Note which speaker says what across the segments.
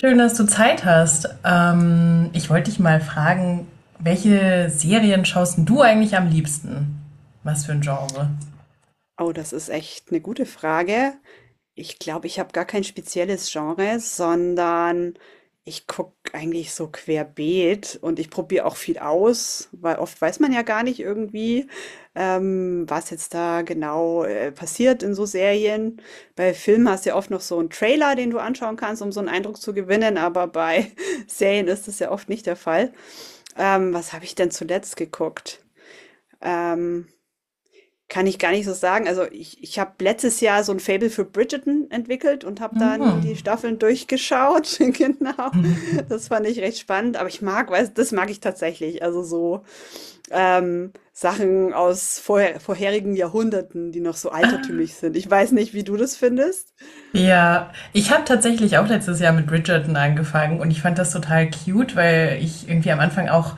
Speaker 1: Schön, dass du Zeit hast. Ich wollte dich mal fragen, welche Serien schaust denn du eigentlich am liebsten? Was für ein Genre?
Speaker 2: Oh, das ist echt eine gute Frage. Ich glaube, ich habe gar kein spezielles Genre, sondern ich gucke eigentlich so querbeet und ich probiere auch viel aus, weil oft weiß man ja gar nicht irgendwie, was jetzt da genau, passiert in so Serien. Bei Filmen hast du ja oft noch so einen Trailer, den du anschauen kannst, um so einen Eindruck zu gewinnen, aber bei Serien ist das ja oft nicht der Fall. Was habe ich denn zuletzt geguckt? Ähm Kann ich gar nicht so sagen. Also ich habe letztes Jahr so ein Faible für Bridgerton entwickelt und habe dann
Speaker 1: Mhm.
Speaker 2: die Staffeln durchgeschaut. Genau. Das fand ich recht spannend. Aber ich mag, weiß, das mag ich tatsächlich. Also so Sachen aus vorher, vorherigen Jahrhunderten, die noch so altertümlich sind. Ich weiß nicht, wie du das findest.
Speaker 1: Ja, ich habe tatsächlich auch letztes Jahr mit Bridgerton angefangen und ich fand das total cute, weil ich irgendwie am Anfang auch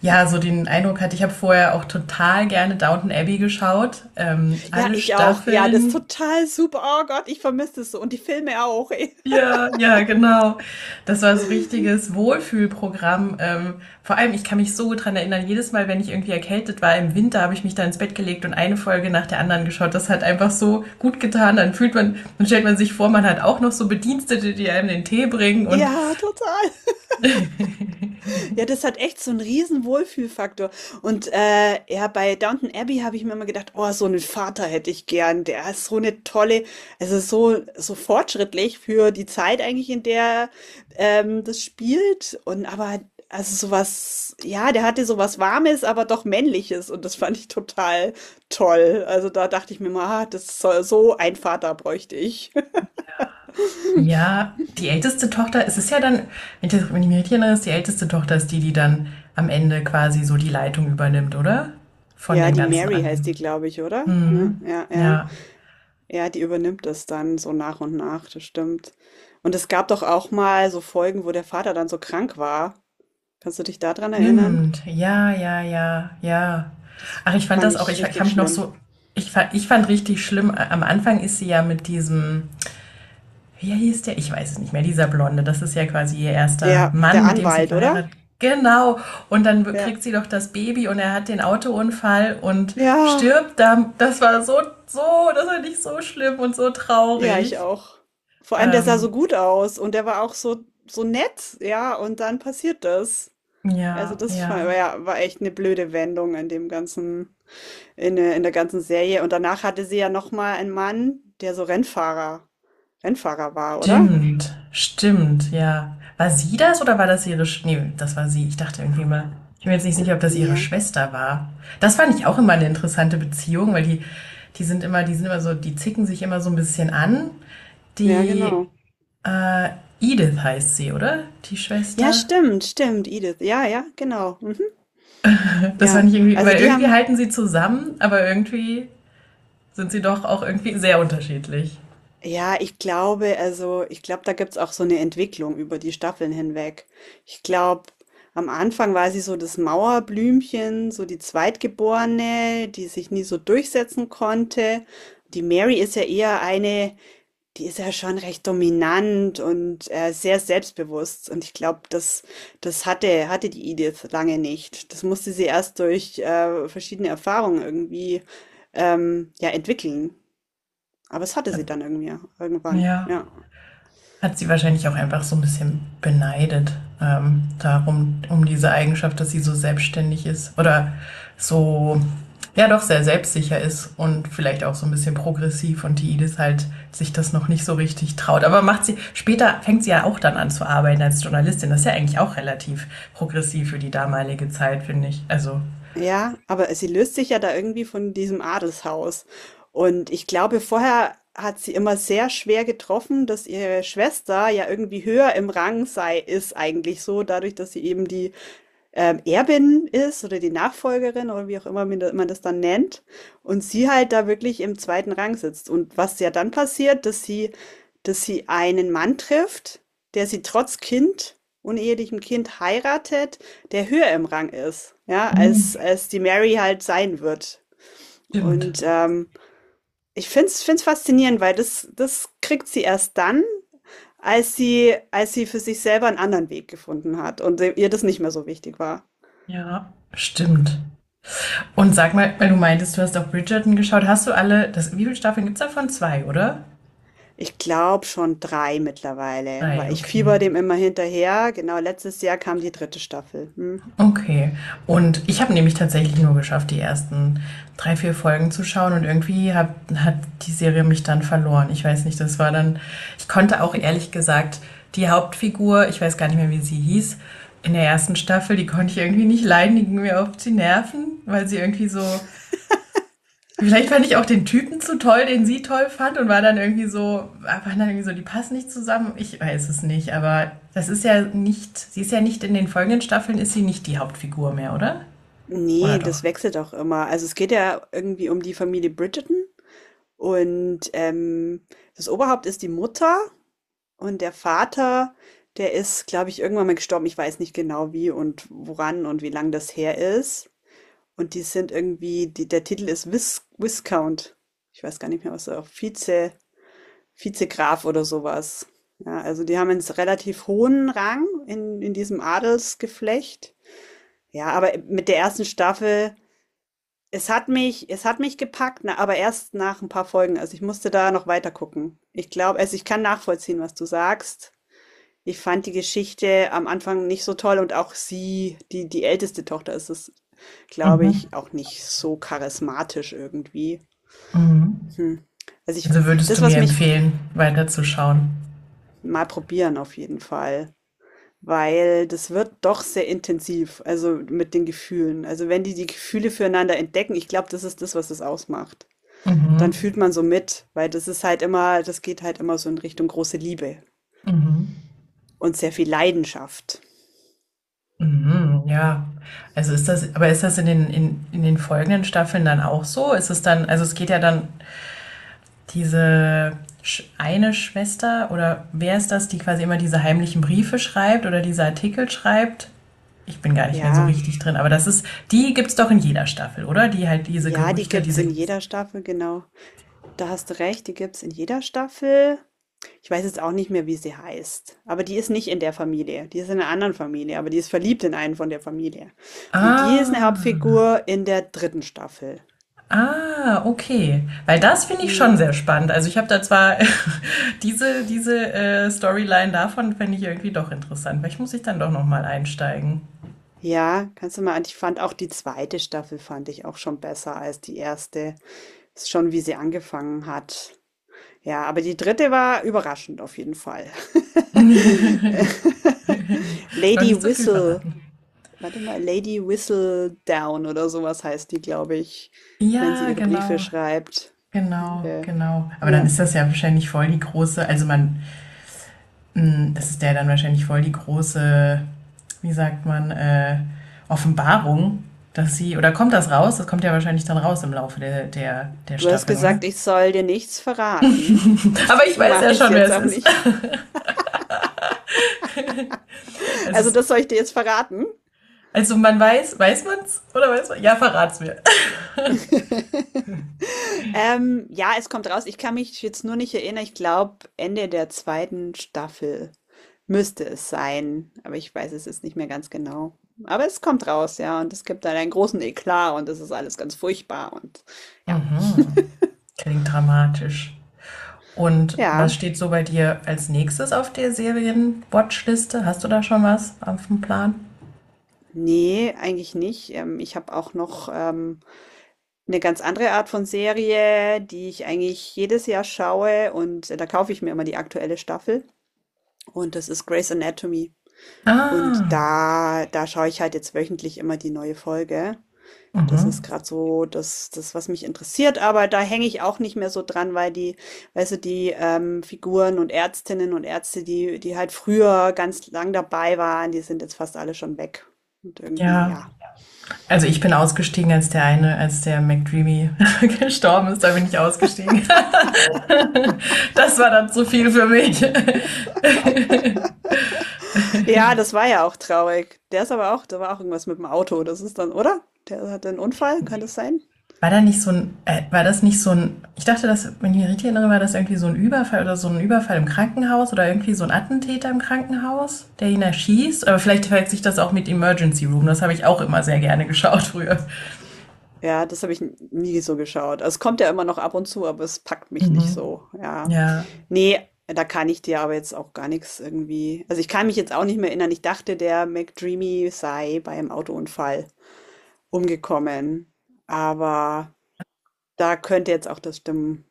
Speaker 1: ja so den Eindruck hatte, ich habe vorher auch total gerne Downton Abbey geschaut,
Speaker 2: Ja,
Speaker 1: alle
Speaker 2: ich auch. Ja, das ist
Speaker 1: Staffeln.
Speaker 2: total super. Oh Gott, ich vermisse das so. Und die Filme auch. Ey.
Speaker 1: Ja, ja, genau. Das war so richtiges Wohlfühlprogramm. Vor allem, ich kann mich so gut dran erinnern, jedes Mal, wenn ich irgendwie erkältet war im Winter, habe ich mich da ins Bett gelegt und eine Folge nach der anderen geschaut. Das hat einfach so gut getan. Dann fühlt man, dann stellt man sich vor, man hat auch noch so Bedienstete, die einem den Tee bringen. Und
Speaker 2: Ja, total. Ja, das hat echt so einen riesen Wohlfühlfaktor. Und, ja, bei Downton Abbey habe ich mir immer gedacht: „Oh, so einen Vater hätte ich gern. Der ist so eine tolle also, so so fortschrittlich für die Zeit eigentlich, in der, das spielt und aber also, so was ja, der hatte so was Warmes, aber doch Männliches und das fand ich total toll. Also, da dachte ich mir mal, „Ah, das soll so ein Vater bräuchte ich.“
Speaker 1: ja, die älteste Tochter, es ist ja dann, wenn ich mich richtig erinnere, ist die älteste Tochter ist die, die dann am Ende quasi so die Leitung übernimmt, oder? Von
Speaker 2: Ja,
Speaker 1: dem
Speaker 2: die
Speaker 1: ganzen
Speaker 2: Mary heißt die,
Speaker 1: Anhang.
Speaker 2: glaube ich, oder? Ja, ja, ja.
Speaker 1: Ja.
Speaker 2: Ja, die übernimmt es dann so nach und nach, das stimmt. Und es gab doch auch mal so Folgen, wo der Vater dann so krank war. Kannst du dich daran erinnern?
Speaker 1: Stimmt, ja, ja, ja, ja.
Speaker 2: Das
Speaker 1: Ach, ich fand
Speaker 2: fand
Speaker 1: das auch,
Speaker 2: ich
Speaker 1: ich habe
Speaker 2: richtig
Speaker 1: mich noch
Speaker 2: schlimm.
Speaker 1: so, ich fand richtig schlimm, am Anfang ist sie ja mit diesem, wie hieß der? Ich weiß es nicht mehr, dieser Blonde, das ist ja quasi ihr erster
Speaker 2: Ja,
Speaker 1: Mann,
Speaker 2: der
Speaker 1: mit dem sie
Speaker 2: Anwalt, oder?
Speaker 1: verheiratet. Genau, und dann kriegt
Speaker 2: Ja.
Speaker 1: sie doch das Baby und er hat den Autounfall und
Speaker 2: Ja,
Speaker 1: stirbt da. Das war so, so, das war nicht so schlimm und so
Speaker 2: ja, ich
Speaker 1: traurig.
Speaker 2: auch. Vor allem, der sah
Speaker 1: Ähm,
Speaker 2: so gut aus und der war auch so, so nett, ja, und dann passiert das. Also
Speaker 1: ja,
Speaker 2: das
Speaker 1: ja.
Speaker 2: war, ja, war echt eine blöde Wendung in dem ganzen, in der ganzen Serie. Und danach hatte sie ja noch mal einen Mann, der so Rennfahrer war, oder?
Speaker 1: Stimmt, stimmt, ja. War sie das oder war das ihre Sch Nee, das war sie. Ich dachte irgendwie mal, ich bin mir jetzt nicht sicher, ob das ihre
Speaker 2: Ja,
Speaker 1: Schwester war. Das fand ich auch immer eine interessante Beziehung, weil die, die sind immer so, die zicken sich immer so ein bisschen an.
Speaker 2: ja,
Speaker 1: Die,
Speaker 2: genau.
Speaker 1: äh, Edith heißt sie, oder? Die
Speaker 2: Ja,
Speaker 1: Schwester.
Speaker 2: stimmt, stimmt, Edith. Ja, ja, genau. Mhm.
Speaker 1: Das fand
Speaker 2: Ja,
Speaker 1: ich irgendwie,
Speaker 2: also
Speaker 1: weil
Speaker 2: die
Speaker 1: irgendwie
Speaker 2: haben,
Speaker 1: halten sie zusammen, aber irgendwie sind sie doch auch irgendwie sehr unterschiedlich.
Speaker 2: ja, ich glaube, da gibt's auch so eine Entwicklung über die Staffeln hinweg. Ich glaube, am Anfang war sie so das Mauerblümchen, so die Zweitgeborene, die sich nie so durchsetzen konnte. Die Mary ist ja eher eine, die ist ja schon recht dominant und, sehr selbstbewusst. Und ich glaube, das das hatte die Edith lange nicht. Das musste sie erst durch, verschiedene Erfahrungen irgendwie, ja, entwickeln. Aber es hatte sie dann irgendwie irgendwann,
Speaker 1: Ja.
Speaker 2: ja.
Speaker 1: Hat sie wahrscheinlich auch einfach so ein bisschen beneidet, darum, um diese Eigenschaft, dass sie so selbstständig ist oder so, ja doch, sehr selbstsicher ist und vielleicht auch so ein bisschen progressiv und die Edith halt sich das noch nicht so richtig traut. Aber macht sie, später fängt sie ja auch dann an zu arbeiten als Journalistin. Das ist ja eigentlich auch relativ progressiv für die damalige Zeit, finde ich. Also,
Speaker 2: Ja, aber sie löst sich ja da irgendwie von diesem Adelshaus. Und ich glaube, vorher hat sie immer sehr schwer getroffen, dass ihre Schwester ja irgendwie höher im Rang sei ist eigentlich so, dadurch, dass sie eben die Erbin ist oder die Nachfolgerin oder wie auch immer man man das dann nennt und sie halt da wirklich im zweiten Rang sitzt. Und was ja dann passiert, dass sie einen Mann trifft, der sie trotz Kind, unehelichem Kind heiratet, der höher im Rang ist, ja,
Speaker 1: mhm.
Speaker 2: als, als die Mary halt sein wird.
Speaker 1: Stimmt.
Speaker 2: Und ich find's, find's faszinierend, weil das, das kriegt sie erst dann, als sie für sich selber einen anderen Weg gefunden hat und ihr das nicht mehr so wichtig war.
Speaker 1: Ja, stimmt. Und sag mal, weil du meintest, du hast auf Bridgerton geschaut, hast du alle, das, wie viele Staffeln gibt es davon? Zwei, oder?
Speaker 2: Ich glaube schon drei mittlerweile,
Speaker 1: 3,
Speaker 2: weil ich
Speaker 1: okay.
Speaker 2: fieber dem immer hinterher. Genau, letztes Jahr kam die dritte Staffel. Hm.
Speaker 1: Okay. Und ich habe nämlich tatsächlich nur geschafft, die ersten 3, 4 Folgen zu schauen und irgendwie hat die Serie mich dann verloren. Ich weiß nicht, das war dann, ich konnte auch ehrlich gesagt die Hauptfigur, ich weiß gar nicht mehr, wie sie hieß, in der ersten Staffel, die konnte ich irgendwie nicht leiden, die ging mir auf die Nerven, weil sie irgendwie so, vielleicht fand ich auch den Typen zu toll, den sie toll fand und war dann irgendwie so, waren dann irgendwie so, die passen nicht zusammen. Ich weiß es nicht, aber das ist ja nicht, sie ist ja nicht in den folgenden Staffeln, ist sie nicht die Hauptfigur mehr, oder? Oder
Speaker 2: Nee,
Speaker 1: doch?
Speaker 2: das wechselt auch immer. Also es geht ja irgendwie um die Familie Bridgerton und das Oberhaupt ist die Mutter und der Vater, der ist, glaube ich, irgendwann mal gestorben. Ich weiß nicht genau wie und woran und wie lang das her ist. Und die sind irgendwie, die, der Titel ist Viscount. Ich weiß gar nicht mehr, was er auch Vize. Vizegraf oder sowas, ja, also die haben einen relativ hohen Rang in diesem Adelsgeflecht. Ja, aber mit der ersten Staffel es hat mich gepackt, ne, aber erst nach ein paar Folgen. Also, ich musste da noch weiter gucken. Ich glaube also, ich kann nachvollziehen, was du sagst. Ich fand die Geschichte am Anfang nicht so toll und auch sie, die die älteste Tochter ist es, glaube
Speaker 1: Mhm.
Speaker 2: ich, auch nicht so charismatisch irgendwie.
Speaker 1: Mhm.
Speaker 2: Hm. Also, ich
Speaker 1: Also würdest
Speaker 2: das,
Speaker 1: du mir
Speaker 2: was mich
Speaker 1: empfehlen, weiterzuschauen?
Speaker 2: mal probieren auf jeden Fall. Weil das wird doch sehr intensiv, also mit den Gefühlen. Also wenn die die Gefühle füreinander entdecken, ich glaube, das ist das, was es ausmacht. Dann fühlt
Speaker 1: Mhm.
Speaker 2: man so mit, weil das ist halt immer, das geht halt immer so in Richtung große Liebe
Speaker 1: Mhm.
Speaker 2: und sehr viel Leidenschaft.
Speaker 1: Mhm. Ja. Also ist das, aber ist das in den, in den folgenden Staffeln dann auch so? Ist es dann, also es geht ja dann diese eine Schwester oder wer ist das, die quasi immer diese heimlichen Briefe schreibt oder diese Artikel schreibt? Ich bin gar nicht mehr so
Speaker 2: Ja,
Speaker 1: richtig drin, aber das ist, die gibt's doch in jeder Staffel, oder? Die halt diese
Speaker 2: ja, die
Speaker 1: Gerüchte,
Speaker 2: gibt's
Speaker 1: diese.
Speaker 2: in jeder Staffel, genau. Da hast du recht, die gibt's in jeder Staffel. Ich weiß jetzt auch nicht mehr, wie sie heißt, aber die ist nicht in der Familie, die ist in einer anderen Familie, aber die ist verliebt in einen von der Familie. Und die ist eine
Speaker 1: Ah,
Speaker 2: Hauptfigur in der dritten Staffel.
Speaker 1: ah, okay. Weil das finde ich
Speaker 2: Hm.
Speaker 1: schon sehr spannend. Also ich habe da zwar diese Storyline davon fände ich irgendwie doch interessant. Vielleicht muss ich dann doch noch mal einsteigen.
Speaker 2: Ja, kannst du mal an ich fand auch die zweite Staffel fand ich auch schon besser als die erste. Ist schon, wie sie angefangen hat. Ja, aber die dritte war überraschend auf jeden Fall.
Speaker 1: Noch
Speaker 2: Lady
Speaker 1: nicht zu viel
Speaker 2: Whistle,
Speaker 1: verraten.
Speaker 2: warte mal, Lady Whistledown oder sowas heißt die, glaube ich, wenn sie
Speaker 1: Ja,
Speaker 2: ihre Briefe
Speaker 1: genau.
Speaker 2: schreibt.
Speaker 1: Genau,
Speaker 2: Ihre,
Speaker 1: genau. Aber dann
Speaker 2: ja.
Speaker 1: ist das ja wahrscheinlich voll die große, also man, mh, das ist ja dann wahrscheinlich voll die große, wie sagt man, Offenbarung, dass sie, oder kommt das raus? Das kommt ja wahrscheinlich dann raus im Laufe der
Speaker 2: Du hast
Speaker 1: Staffeln, oder?
Speaker 2: gesagt, ich soll dir nichts verraten.
Speaker 1: Aber ich
Speaker 2: Deswegen
Speaker 1: weiß ja
Speaker 2: mache ich es
Speaker 1: schon, wer
Speaker 2: jetzt
Speaker 1: es
Speaker 2: auch
Speaker 1: ist.
Speaker 2: nicht.
Speaker 1: Also,
Speaker 2: Also,
Speaker 1: es-
Speaker 2: das soll ich dir jetzt verraten.
Speaker 1: also man weiß, weiß man's? Oder weiß man? Ja, verrat's mir.
Speaker 2: Ja, es kommt raus. Ich kann mich jetzt nur nicht erinnern. Ich glaube, Ende der zweiten Staffel müsste es sein. Aber ich weiß es jetzt nicht mehr ganz genau. Aber es kommt raus, ja. Und es gibt dann einen großen Eklat und es ist alles ganz furchtbar. Und ja,
Speaker 1: Mhm. Klingt dramatisch. Und
Speaker 2: ja.
Speaker 1: was steht so bei dir als nächstes auf der Serien-Watchliste? Hast du da schon was auf dem Plan?
Speaker 2: Nee, eigentlich nicht. Ich habe auch noch eine ganz andere Art von Serie, die ich eigentlich jedes Jahr schaue. Und da kaufe ich mir immer die aktuelle Staffel. Und das ist Grey's Anatomy. Und
Speaker 1: Ah.
Speaker 2: da schaue ich halt jetzt wöchentlich immer die neue Folge. Das ist
Speaker 1: Mhm.
Speaker 2: gerade so das, was mich interessiert, aber da hänge ich auch nicht mehr so dran, weil die weißt du, die, Figuren und Ärztinnen und Ärzte, die halt früher ganz lang dabei waren, die sind jetzt fast alle schon weg. Und irgendwie,
Speaker 1: Ja,
Speaker 2: ja.
Speaker 1: also ich bin ausgestiegen, als der eine, als der McDreamy gestorben ist, da bin ich ausgestiegen. Das war dann zu viel für mich.
Speaker 2: Ja, das war ja auch traurig. Der ist aber auch da war auch irgendwas mit dem Auto. Das ist dann oder? Der hatte einen Unfall, kann das sein?
Speaker 1: War da nicht so ein, war das nicht so ein, ich dachte, dass, wenn ich mich richtig erinnere, war das irgendwie so ein Überfall oder so ein Überfall im Krankenhaus oder irgendwie so ein Attentäter im Krankenhaus, der ihn erschießt. Aber vielleicht verwechselt sich das auch mit Emergency Room. Das habe ich auch immer sehr gerne geschaut früher.
Speaker 2: Ja, das habe ich n nie so geschaut. Also, es kommt ja immer noch ab und zu, aber es packt mich nicht
Speaker 1: Mhm.
Speaker 2: so, ja.
Speaker 1: Ja.
Speaker 2: Nee, da kann ich dir aber jetzt auch gar nichts irgendwie also, ich kann mich jetzt auch nicht mehr erinnern. Ich dachte, der McDreamy sei bei einem Autounfall umgekommen, aber da könnte jetzt auch das stimmen,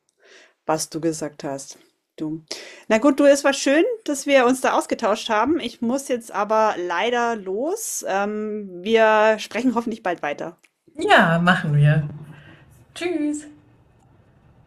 Speaker 2: was du gesagt hast, du. Na gut, du, es war schön, dass wir uns da ausgetauscht haben. Ich muss jetzt aber leider los. Wir sprechen hoffentlich bald weiter.
Speaker 1: Ja, machen wir. Tschüss.